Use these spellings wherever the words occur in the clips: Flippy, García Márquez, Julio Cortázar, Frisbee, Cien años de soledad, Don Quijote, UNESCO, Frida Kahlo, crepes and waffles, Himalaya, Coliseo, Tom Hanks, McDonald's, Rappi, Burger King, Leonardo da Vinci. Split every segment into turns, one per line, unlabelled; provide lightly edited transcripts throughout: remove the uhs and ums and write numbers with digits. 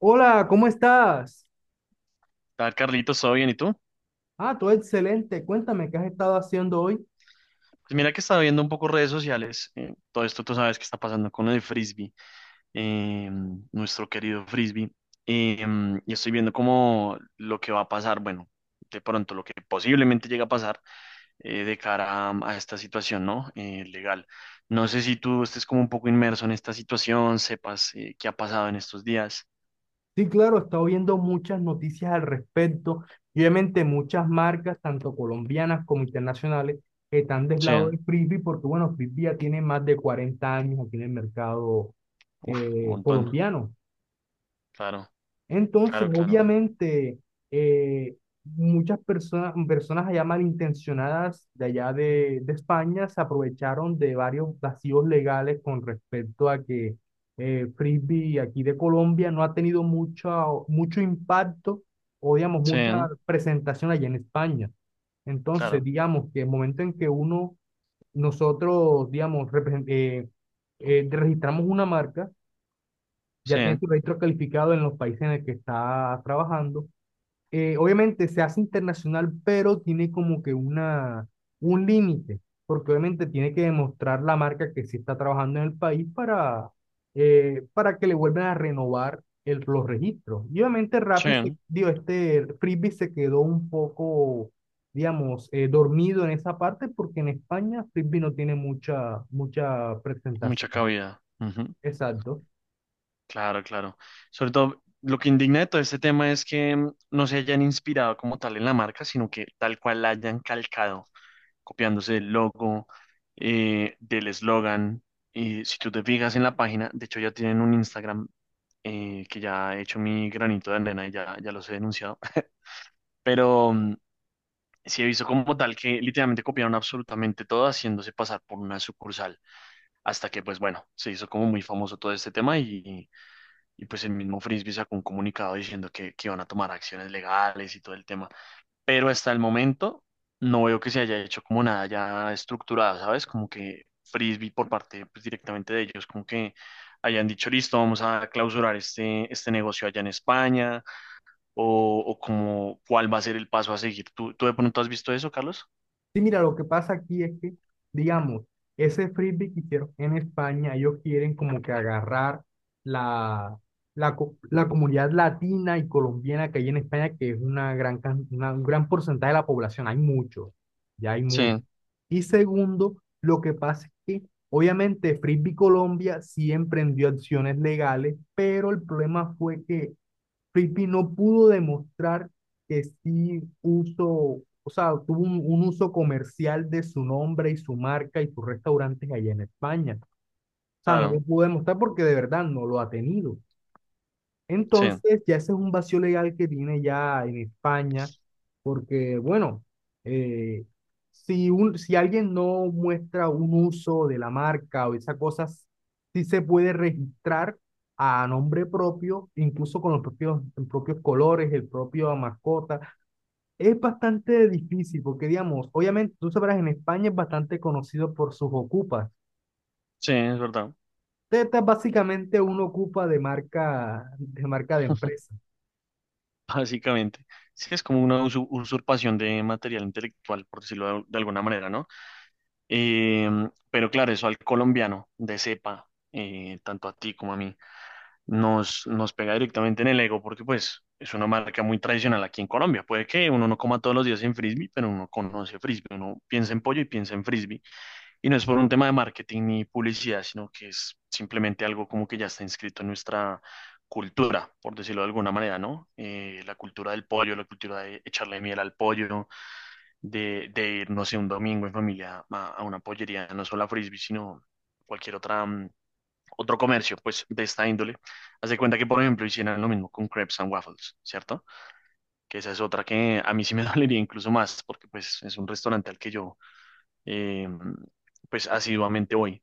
Hola, ¿cómo estás?
¿Tal, Carlitos? ¿Todo bien? ¿Y tú?
Ah, todo excelente. Cuéntame, ¿qué has estado haciendo hoy?
Pues mira que estaba viendo un poco redes sociales. Todo esto tú sabes que está pasando con el frisbee, eh, nuestro querido frisbee. eh, y estoy viendo como lo que va a pasar, bueno, de pronto lo que posiblemente llega a pasar de cara a esta situación, ¿no? Legal. No sé si tú estés como un poco inmerso en esta situación, sepas qué ha pasado en estos días.
Sí, claro, he estado viendo muchas noticias al respecto. Y obviamente muchas marcas, tanto colombianas como internacionales, están del
Sí,
lado del frisbee porque, bueno, frisbee ya tiene más de 40 años aquí en el mercado
uf, un montón.
colombiano.
Claro,
Entonces,
claro, claro.
obviamente, eh, muchas personas, personas allá malintencionadas de allá de España se aprovecharon de varios vacíos legales con respecto a que Frisbee aquí de Colombia no ha tenido mucho impacto o, digamos,
Sí,
mucha presentación allá en España. Entonces,
claro.
digamos que el momento en que uno, nosotros, digamos, registramos una marca,
Sí,
ya tiene tu registro calificado en los países en el que está trabajando. Obviamente se hace internacional, pero tiene como que un límite, porque obviamente tiene que demostrar la marca que sí está trabajando en el país para que le vuelvan a renovar los registros. Y obviamente Rappi, se,
sí,
digo, este Frisbee se quedó un poco, digamos, dormido en esa parte, porque en España Frisbee no tiene mucha
mucha
presentación.
cabida.
Exacto.
Claro, claro. Sobre todo, lo que indigna de todo este tema es que no se hayan inspirado como tal en la marca, sino que tal cual la hayan calcado, copiándose del logo, del eslogan. Y si tú te fijas en la página, de hecho ya tienen un Instagram, que ya he hecho mi granito de arena y ya los he denunciado. Pero sí he visto como tal que literalmente copiaron absolutamente todo, haciéndose pasar por una sucursal. Hasta que, pues bueno, se hizo como muy famoso todo este tema y pues el mismo Frisbee sacó un comunicado diciendo que iban a tomar acciones legales y todo el tema. Pero hasta el momento no veo que se haya hecho como nada ya estructurado, ¿sabes? Como que Frisbee por parte pues, directamente de ellos, como que hayan dicho, listo, vamos a clausurar este negocio allá en España, o como cuál va a ser el paso a seguir. ¿Tú de pronto has visto eso, Carlos?
Sí, mira, lo que pasa aquí es que, digamos, ese frisbee que hicieron en España, ellos quieren como que agarrar la, la comunidad latina y colombiana que hay en España, que es una un gran porcentaje de la población, hay muchos, ya hay
Sí,
muchos. Y segundo, lo que pasa es que, obviamente, Frisbee Colombia sí emprendió acciones legales, pero el problema fue que Frisbee no pudo demostrar que sí uso, o sea, tuvo un uso comercial de su nombre y su marca y sus restaurantes allá en España. O sea, no lo
claro,
pudo demostrar porque de verdad no lo ha tenido.
sí,
Entonces, ya ese es un vacío legal que tiene ya en España, porque, bueno, eh, si, un, si alguien no muestra un uso de la marca o esas cosas, sí se puede registrar a nombre propio, incluso con los propios colores, el propio mascota. Es bastante difícil, porque, digamos, obviamente, tú sabrás, en España es bastante conocido por sus ocupas.
sí, es verdad,
Teta es básicamente un ocupa de marca, de marca de empresa.
básicamente. Sí, es como una usurpación de material intelectual, por decirlo de alguna manera, ¿no? Eh, pero claro, eso al colombiano de cepa, tanto a ti como a mí, nos pega directamente en el ego porque pues es una marca muy tradicional aquí en Colombia. Puede que uno no coma todos los días en frisbee, pero uno conoce frisbee, uno piensa en pollo y piensa en frisbee. Y no es por un tema de marketing ni publicidad, sino que es simplemente algo como que ya está inscrito en nuestra cultura, por decirlo de alguna manera, ¿no? La cultura del pollo, la cultura de echarle miel al pollo de ir, no sé, un domingo en familia a una pollería, no solo a Frisbee, sino cualquier otra, otro comercio, pues, de esta índole. Haz de cuenta que, por ejemplo, hicieran lo mismo con crepes and waffles, ¿cierto? Que esa es otra que a mí sí me dolería incluso más, porque, pues, es un restaurante al que yo, eh, pues, asiduamente voy.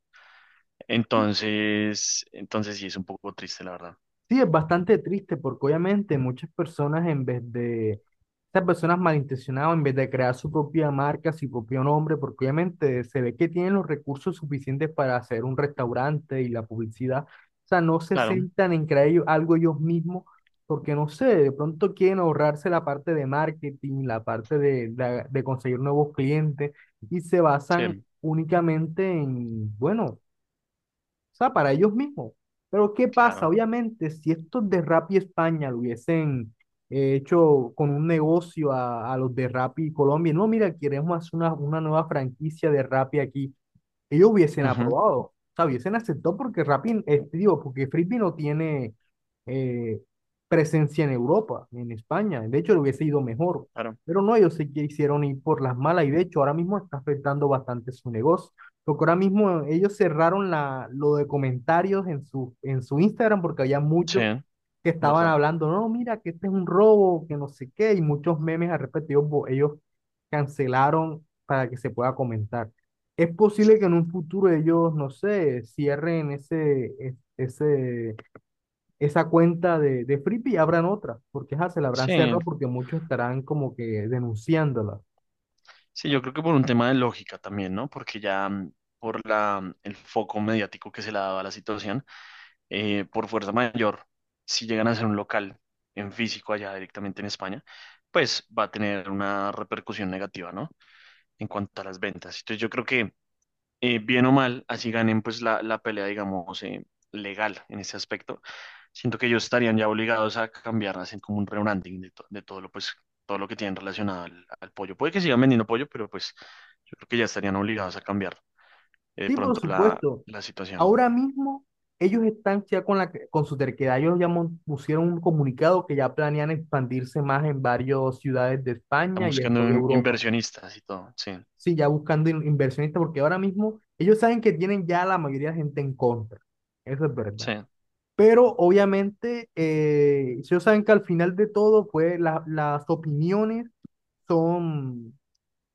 Entonces sí es un poco triste, la verdad.
Sí, es bastante triste porque obviamente muchas personas en vez de, estas personas malintencionadas, en vez de crear su propia marca, su propio nombre, porque obviamente se ve que tienen los recursos suficientes para hacer un restaurante y la publicidad, o sea, no se
Claro,
sentan en crear ellos- algo ellos mismos, porque no sé, de pronto quieren ahorrarse la parte de marketing, la parte de, de conseguir nuevos clientes y se basan
sí,
únicamente en, bueno. O sea, para ellos mismos. Pero ¿qué pasa?
claro.
Obviamente, si estos de Rappi España lo hubiesen hecho con un negocio a los de Rappi Colombia, no, mira, queremos hacer una nueva franquicia de Rappi aquí ellos hubiesen
Ujú,
aprobado, o sea, hubiesen aceptado porque Rappi, digo, porque Frisbee no tiene eh, presencia en Europa, ni en España, de hecho le hubiese ido mejor,
claro,
pero no, ellos se quisieron ir por las malas y de hecho ahora mismo está afectando bastante su negocio, porque ahora mismo ellos cerraron la, lo de comentarios en su Instagram porque había
sí,
muchos que estaban
¿verdad?
hablando, no, mira, que este es un robo, que no sé qué, y muchos memes al respecto, ellos cancelaron para que se pueda comentar. Es posible que en un futuro ellos, no sé, cierren ese, esa cuenta de Flippy y abran otra, porque ajá, se la habrán
Sí,
cerrado porque muchos estarán como que denunciándola.
Sí, yo creo que por un tema de lógica también, ¿no? Porque ya el foco mediático que se le ha dado a la situación, por fuerza mayor, si llegan a ser un local en físico allá directamente en España, pues va a tener una repercusión negativa, ¿no? En cuanto a las ventas. Entonces yo creo que bien o mal, así ganen pues la pelea, digamos, legal en ese aspecto. Siento que ellos estarían ya obligados a cambiar, hacen como un rebranding de todo lo, pues, todo lo que tienen relacionado al pollo. Puede que sigan vendiendo pollo, pero pues yo creo que ya estarían obligados a cambiar de
Sí, por
pronto la,
supuesto.
la situación.
Ahora mismo ellos están ya con, la, con su terquedad. Ellos ya mon- pusieron un comunicado que ya planean expandirse más en varias ciudades de
Están
España y en
buscando
toda Europa.
inversionistas y todo, sí,
Sí, ya buscando in- inversionistas, porque ahora mismo ellos saben que tienen ya la mayoría de gente en contra. Eso es verdad.
sí,
Pero obviamente, ellos saben que al final de todo, pues la- las opiniones son,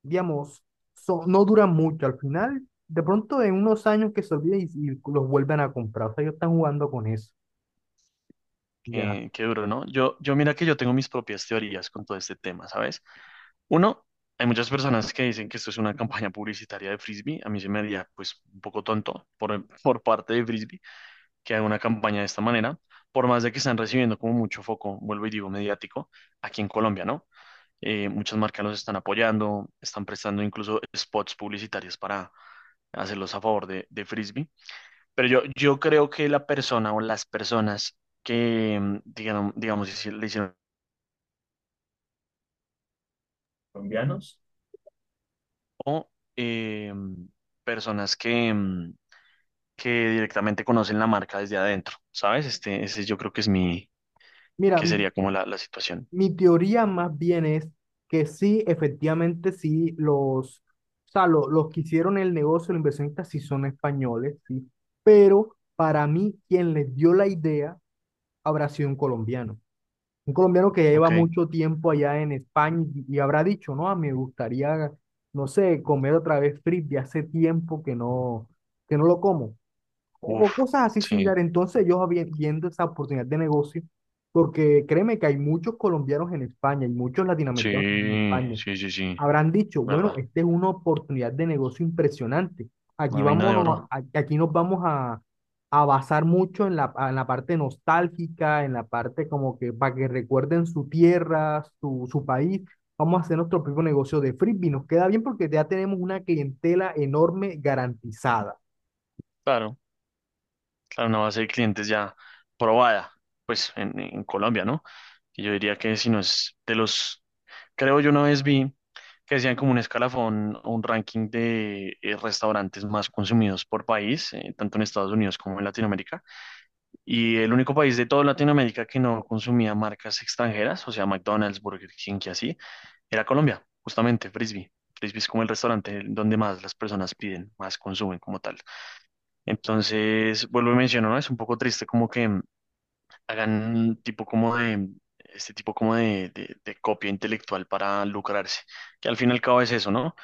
digamos, son, no duran mucho. Al final, de pronto en unos años que se olviden y los vuelven a comprar. O sea, ellos están jugando con eso. Ya.
qué duro, ¿no? Yo mira que yo tengo mis propias teorías con todo este tema, ¿sabes? Uno, hay muchas personas que dicen que esto es una campaña publicitaria de Frisbee. A mí se me haría, pues, un poco tonto por parte de Frisbee que haga una campaña de esta manera, por más de que están recibiendo como mucho foco, vuelvo y digo, mediático, aquí en Colombia, ¿no? Muchas marcas los están apoyando, están prestando incluso spots publicitarios para hacerlos a favor de Frisbee. Pero yo creo que la persona o las personas que, digamos, le hicieron colombianos o eh, personas que directamente conocen la marca desde adentro, ¿sabes? Este, ese yo creo que es mi,
Mira,
que
m-
sería como la situación.
mi teoría más bien es que sí, efectivamente, sí, los, o sea, lo- los que hicieron el negocio, los inversionistas, sí son españoles, sí. Pero para mí, quien les dio la idea habrá sido un colombiano. Un colombiano que ya lleva
Ok,
mucho tiempo allá en España y habrá dicho, no, ah, me gustaría, no sé, comer otra vez frisbee, hace tiempo que no lo como. O
uf,
cosas así
sí,
similares. Entonces yo vi- viendo esa oportunidad de negocio, porque créeme que hay muchos colombianos en España y muchos latinoamericanos en
sí,
España.
sí, sí, sí,
Habrán dicho, bueno,
verdad,
esta es una oportunidad de negocio impresionante. Aquí
una mina de oro.
vámonos, a- aquí nos vamos a basar mucho en la parte nostálgica, en la parte como que para que recuerden su tierra, su país. Vamos a hacer nuestro propio negocio de frisbee. Nos queda bien porque ya tenemos una clientela enorme garantizada.
Claro, claro, una base de clientes ya probada, pues en Colombia, ¿no? Que yo diría que si no es de los creo yo una vez vi que decían como un escalafón o un ranking de restaurantes más consumidos por país, tanto en Estados Unidos como en Latinoamérica. Y el único país de toda Latinoamérica que no consumía marcas extranjeras, o sea, McDonald's, Burger King y así, era Colombia, justamente, Frisby. Frisby es como el restaurante donde más las personas piden, más consumen como tal. Entonces, vuelvo y menciono, ¿no? Es un poco triste como que hagan un tipo como de, este tipo como de copia intelectual para lucrarse, que al fin y al cabo es eso, ¿no?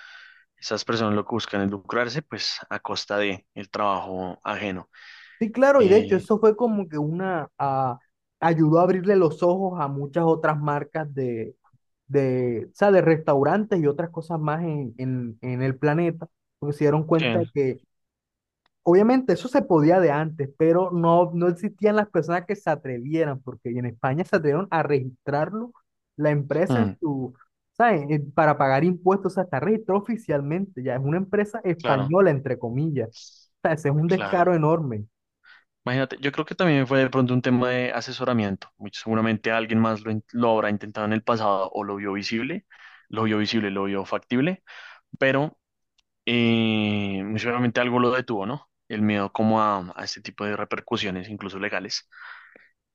Esas personas lo que buscan es lucrarse, pues a costa de el trabajo ajeno.
Sí, claro, y de hecho
Eh,
eso fue como que una, ah, ayudó a abrirle los ojos a muchas otras marcas de, o sea, de restaurantes y otras cosas más en el planeta, porque se dieron cuenta de
que,
que obviamente eso se podía de antes, pero no, no existían las personas que se atrevieran, porque en España se atrevieron a registrarlo, la empresa en
mm,
su, ¿saben? Para pagar impuestos, o sea, está registrado oficialmente, ya es una empresa
claro,
española, entre comillas, o sea, ese es un descaro
claro.
enorme.
Imagínate, yo creo que también fue de pronto un tema de asesoramiento. Muy seguramente alguien más lo habrá intentado en el pasado o lo vio visible, lo vio factible, pero muy seguramente algo lo detuvo, ¿no? El miedo como a este tipo de repercusiones, incluso legales.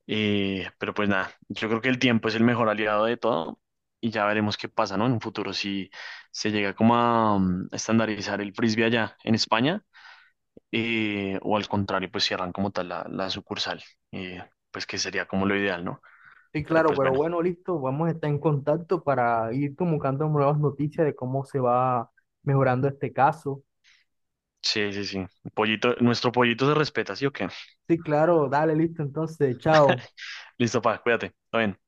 Pero pues nada, yo creo que el tiempo es el mejor aliado de todo y ya veremos qué pasa, ¿no? En un futuro, si se llega como a, estandarizar el frisbee allá en España, o al contrario, pues cierran como tal la sucursal, eh, pues que sería como lo ideal, ¿no?
Sí,
Pero
claro,
pues
pero
bueno,
bueno, listo, vamos a estar en contacto para ir comunicando nuevas noticias de cómo se va mejorando este caso.
sí, sí, sí. Pollito, nuestro pollito se respeta, ¿sí o qué?
Sí, claro, dale, listo, entonces, chao.
Listo, pa, cuídate. Está bien.